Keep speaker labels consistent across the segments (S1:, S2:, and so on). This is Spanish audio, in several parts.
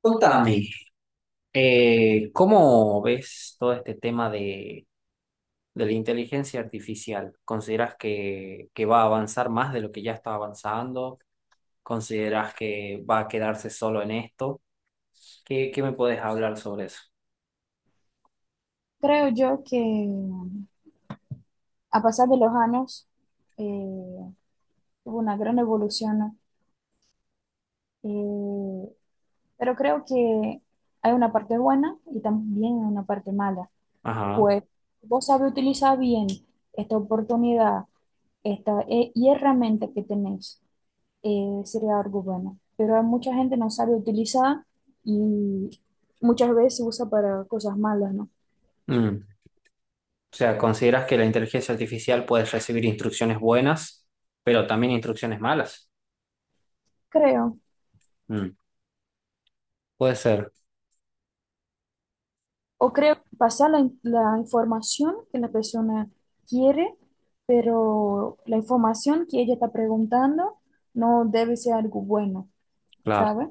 S1: Contame, ¿cómo ves todo este tema de la inteligencia artificial? ¿Consideras que va a avanzar más de lo que ya está avanzando? ¿Consideras que va a quedarse solo en esto? ¿Qué me puedes hablar sobre eso?
S2: Creo yo que a pasar de los años eh, hubo una gran evolución, ¿no? Eh, pero creo que hay una parte buena y también una parte mala.
S1: Ajá.
S2: Pues vos sabés utilizar bien esta oportunidad esta, y herramienta que tenés, sería algo bueno. Pero hay mucha gente no sabe utilizar y muchas veces usa para cosas malas, ¿no?
S1: Mm. O sea, ¿consideras que la inteligencia artificial puede recibir instrucciones buenas, pero también instrucciones malas?
S2: Creo
S1: Mm. Puede ser,
S2: O creo que pasa la información que la persona quiere, pero la información que ella está preguntando no debe ser algo bueno,
S1: claro.
S2: ¿sabe?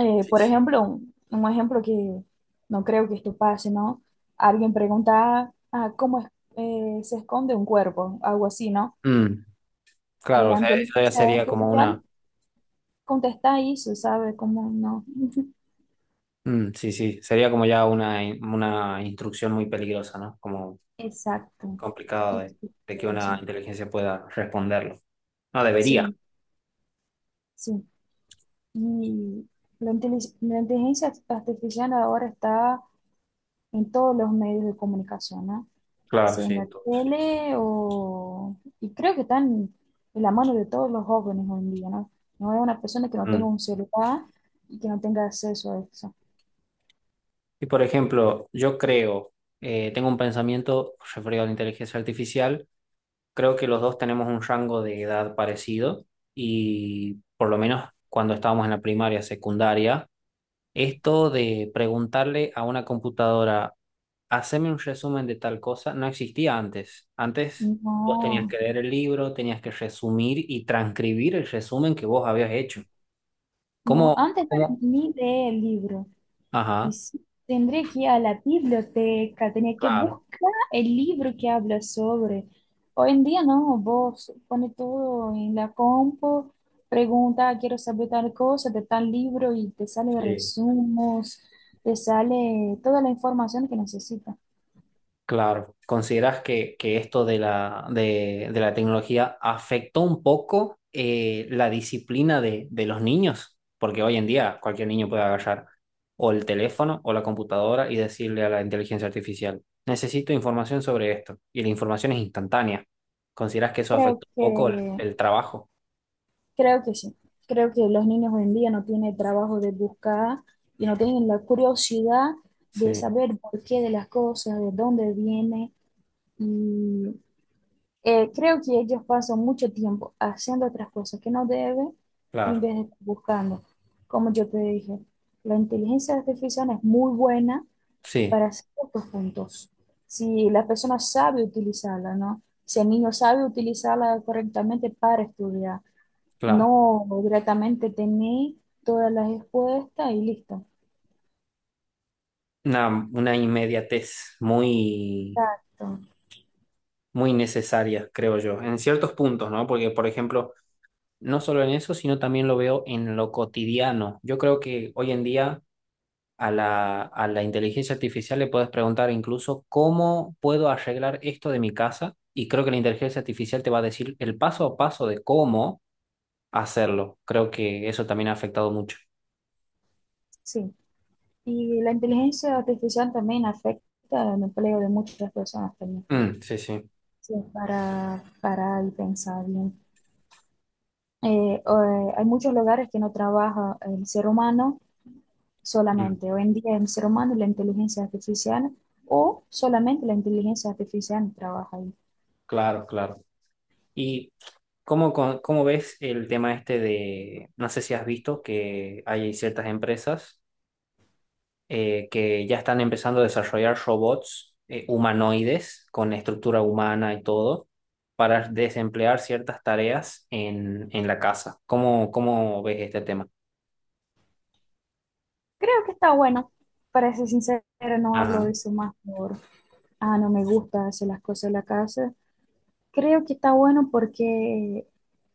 S1: Sí,
S2: Por
S1: sí.
S2: ejemplo, un ejemplo que no creo que esto pase, ¿no? Alguien pregunta, ¿cómo se esconde un cuerpo? Algo así, ¿no?
S1: Mm.
S2: Y
S1: Claro, o
S2: la
S1: sea, eso ya
S2: inteligencia
S1: sería como
S2: artificial
S1: una...
S2: contesta eso, ¿sabe? Como no.
S1: Mm, sí, sí, sería como ya una instrucción muy peligrosa, ¿no? Como
S2: Exacto.
S1: complicado
S2: Exacto,
S1: de que una inteligencia pueda responderlo. No debería.
S2: sí, sí. Y la inteligencia artificial ahora está en todos los medios de comunicación, ¿no?
S1: Claro,
S2: Sea
S1: sí,
S2: en la
S1: entonces.
S2: tele o... Y creo que están en la mano de todos los jóvenes hoy en día, ¿no? No hay una persona que no tenga
S1: Mm.
S2: un celular y que no tenga acceso a eso.
S1: Y por ejemplo, yo creo, tengo un pensamiento referido a la inteligencia artificial, creo que los dos tenemos un rango de edad parecido y por lo menos cuando estábamos en la primaria, secundaria, esto de preguntarle a una computadora haceme un resumen de tal cosa, no existía antes. Antes vos tenías
S2: No,
S1: que leer el libro, tenías que resumir y transcribir el resumen que vos habías hecho.
S2: no,
S1: ¿Cómo?
S2: antes no era
S1: ¿Cómo?
S2: ni de libro. Y
S1: Ajá,
S2: sí, tendría que ir a la biblioteca, tenía que
S1: claro.
S2: buscar el libro que habla sobre. Hoy en día no, vos pones todo en la compu, pregunta, "Ah, quiero saber tal cosa de tal libro y te sale
S1: Sí.
S2: resumos, te sale toda la información que necesitas.
S1: Claro, ¿consideras que esto de de la tecnología afectó un poco la disciplina de los niños? Porque hoy en día cualquier niño puede agarrar o el teléfono o la computadora y decirle a la inteligencia artificial, necesito información sobre esto. Y la información es instantánea. ¿Consideras que eso
S2: Creo
S1: afectó un
S2: que,
S1: poco el trabajo?
S2: creo que sí. Creo que los niños hoy en día no tienen el trabajo de buscar y no tienen la curiosidad de
S1: Sí,
S2: saber por qué de las cosas, de dónde viene y creo que ellos pasan mucho tiempo haciendo otras cosas que no deben en
S1: claro,
S2: vez de estar buscando. Como yo te dije, la inteligencia artificial es muy buena
S1: sí,
S2: para ciertos puntos. Si la persona sabe utilizarla, ¿no? Si el niño sabe utilizarla correctamente para estudiar,
S1: claro.
S2: no directamente tener todas las respuestas y listo.
S1: Una, una inmediatez muy,
S2: Exacto,
S1: muy necesaria, creo yo, en ciertos puntos, ¿no? Porque, por ejemplo, no solo en eso, sino también lo veo en lo cotidiano. Yo creo que hoy en día a a la inteligencia artificial le puedes preguntar incluso cómo puedo arreglar esto de mi casa y creo que la inteligencia artificial te va a decir el paso a paso de cómo hacerlo. Creo que eso también ha afectado mucho.
S2: sí. Y la inteligencia artificial también afecta el empleo de muchas personas también.
S1: Mm, sí, sí.
S2: Sí, para parar y pensar bien. Hay muchos lugares que no trabaja el ser humano
S1: Mm,
S2: solamente. Hoy en día el ser humano y la inteligencia artificial o solamente la inteligencia artificial trabaja ahí.
S1: claro, claro. ¿Y cómo ves el tema este de, no sé si has visto que hay ciertas empresas? Eh, que ya están empezando a desarrollar robots humanoides con estructura humana y todo para desemplear ciertas tareas en la casa. ¿Cómo ves este tema?
S2: Creo que está bueno. Para ser sincera no hablo
S1: Ajá,
S2: de eso más por, ah, no me gusta hacer las cosas en la casa. Creo que está bueno porque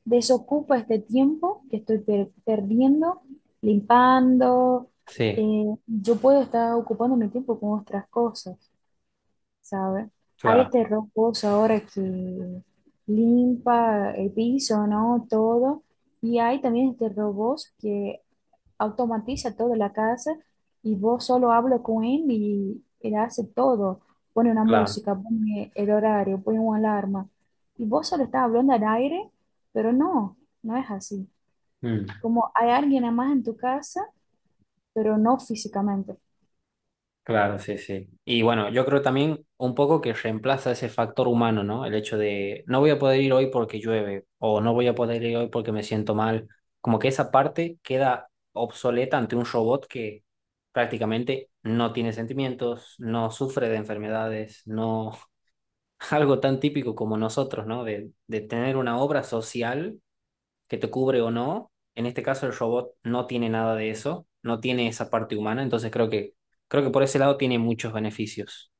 S2: desocupa este tiempo que estoy perdiendo, limpando.
S1: sí,
S2: Eh, yo puedo estar ocupando mi tiempo con otras cosas, ¿sabes? Hay
S1: claro,
S2: este robots ahora que limpa el piso, ¿no? Todo. Y hay también este robots que automatiza toda la casa y vos solo hablas con él y él hace todo. Pone una
S1: claro.
S2: música, pone el horario, pone una alarma. Y vos solo estás hablando al aire, pero no, no es así.
S1: Mm.
S2: Como hay alguien más en tu casa, pero no físicamente.
S1: Claro, sí, sí. Y bueno, yo creo también un poco que reemplaza ese factor humano, ¿no? El hecho de no voy a poder ir hoy porque llueve o no voy a poder ir hoy porque me siento mal. Como que esa parte queda obsoleta ante un robot que prácticamente no tiene sentimientos, no sufre de enfermedades, no... Algo tan típico como nosotros, ¿no? De tener una obra social que te cubre o no. En este caso el robot no tiene nada de eso, no tiene esa parte humana, entonces creo que por ese lado tiene muchos beneficios.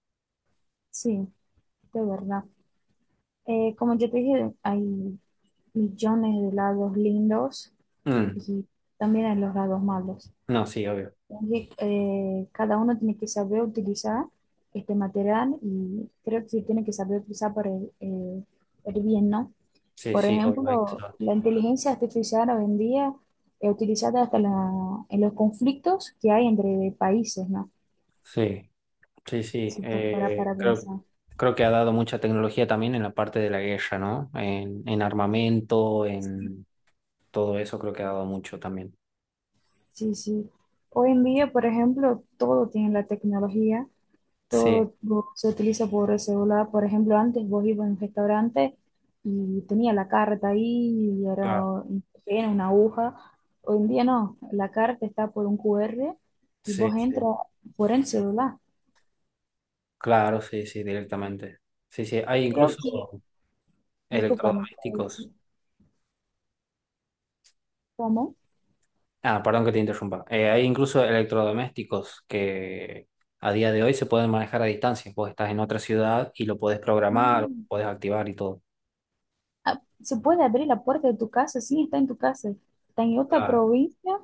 S2: Sí, de verdad. Como ya te dije, hay millones de lados lindos
S1: Mm.
S2: y también hay los lados malos.
S1: No, sí, obvio.
S2: Entonces, cada uno tiene que saber utilizar este material y creo que tiene que saber utilizar para el bien, ¿no?
S1: Sí,
S2: Por
S1: sí, obvio. Hay que
S2: ejemplo,
S1: saber.
S2: la inteligencia artificial hoy en día es utilizada hasta en los conflictos que hay entre países, ¿no?
S1: Sí, sí, sí.
S2: Si po- para,
S1: Eh,
S2: para pensar.
S1: creo que ha dado mucha tecnología también en la parte de la guerra, ¿no? En armamento, en todo eso creo que ha dado mucho también.
S2: Sí, sí. Hoy en día, por ejemplo, todo tiene la tecnología
S1: Sí,
S2: todo se utiliza por el celular. Por ejemplo, antes vos ibas a un restaurante y tenía la carta ahí y era
S1: claro,
S2: un papel, una aguja. Hoy en día no, la carta está por un QR y
S1: sí,
S2: vos
S1: sí.
S2: entras por el celular.
S1: Claro, sí, sí, directamente. Sí, sí, hay
S2: Creo que,
S1: incluso
S2: disculpame,
S1: electrodomésticos.
S2: ¿cómo?
S1: Ah, perdón que te interrumpa. Hay incluso electrodomésticos que a día de hoy se pueden manejar a distancia. Vos estás en otra ciudad y lo podés programar,
S2: Mm.
S1: podés activar y todo.
S2: Ah, se puede abrir la puerta de tu casa, sí, está en tu casa, está en otra
S1: Claro.
S2: provincia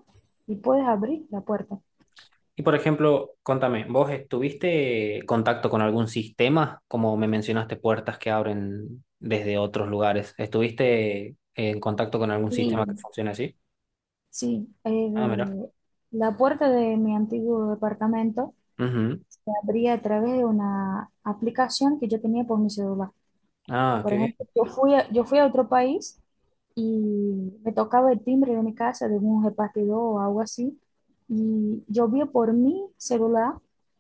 S2: y puedes abrir la puerta.
S1: Y por ejemplo, contame, ¿vos estuviste en contacto con algún sistema? Como me mencionaste, puertas que abren desde otros lugares. ¿Estuviste en contacto con algún sistema que
S2: Sí,
S1: funcione así?
S2: sí,
S1: Ah, mira.
S2: la puerta de mi antiguo departamento
S1: Ujú.
S2: se abría a través de una aplicación que yo tenía por mi celular.
S1: Ah,
S2: Por
S1: qué
S2: ejemplo,
S1: bien.
S2: yo fui a otro país y me tocaba el timbre de mi casa de un repartidor o algo así, y yo vi por mi celular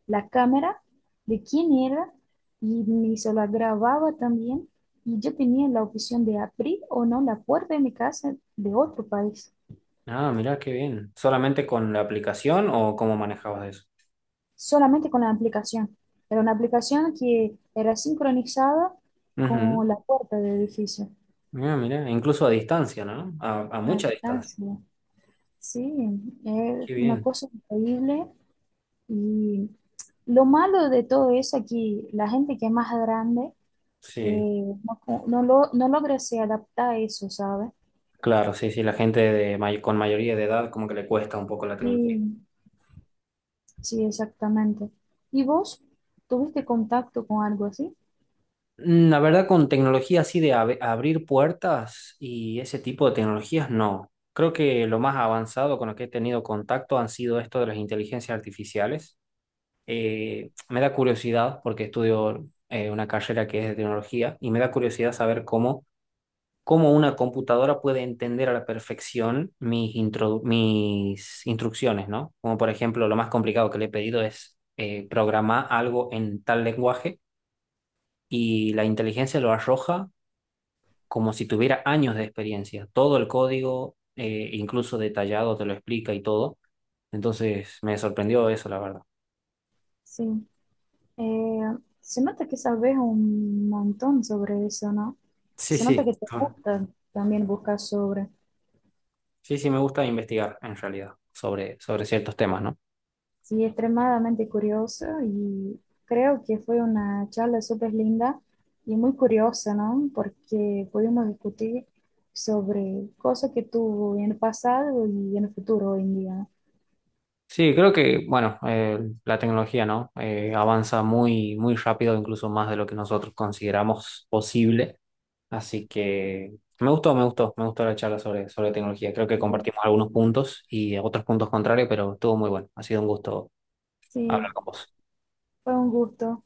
S2: la cámara de quién era y mi celular grababa también, y yo tenía la opción de abrir o no la puerta de mi casa de otro país.
S1: Ah, mira, qué bien. ¿Solamente con la aplicación o cómo manejabas
S2: Solamente con la aplicación. Era una aplicación que era sincronizada
S1: eso?
S2: con la puerta del edificio.
S1: Mira, mira, incluso a distancia, ¿no? A
S2: A
S1: mucha distancia.
S2: distancia. Sí, es
S1: Qué
S2: una
S1: bien.
S2: cosa increíble. Y lo malo de todo eso es que la gente que es más grande
S1: Sí,
S2: eh, no, no logra se adaptar a eso, ¿sabes?
S1: claro, sí, sí, la gente de con mayoría de edad como que le cuesta un poco la tecnología.
S2: Sí, sí, exactamente. ¿Y vos tuviste contacto con algo así?
S1: Mm. La verdad, con tecnología así de abrir puertas y ese tipo de tecnologías, no. Creo que lo más avanzado con lo que he tenido contacto han sido esto de las inteligencias artificiales. Me da curiosidad porque estudio una carrera que es de tecnología y me da curiosidad saber cómo una computadora puede entender a la perfección mis instrucciones, ¿no? Como por ejemplo, lo más complicado que le he pedido es programar algo en tal lenguaje y la inteligencia lo arroja como si tuviera años de experiencia. Todo el código, incluso detallado, te lo explica y todo. Entonces, me sorprendió eso, la verdad.
S2: Sí. Eh, se nota que sabes un montón sobre eso, ¿no?
S1: Sí,
S2: Se nota
S1: sí.
S2: que te
S1: Ah,
S2: gusta también buscar sobre.
S1: sí, sí, me gusta investigar en realidad sobre, sobre ciertos temas, ¿no?
S2: Sí, extremadamente curiosa y creo que fue una charla súper linda y muy curiosa, ¿no? Porque pudimos discutir sobre cosas que tuvo en el pasado y en el futuro hoy en día.
S1: Sí, creo que, bueno, la tecnología, ¿no? Avanza muy, muy rápido, incluso más de lo que nosotros consideramos posible. Así que me gustó la charla sobre, sobre tecnología. Creo que compartimos
S2: Y
S1: algunos puntos y otros puntos contrarios, pero estuvo muy bueno. Ha sido un gusto
S2: sí,
S1: hablar con vos.
S2: fue un gusto.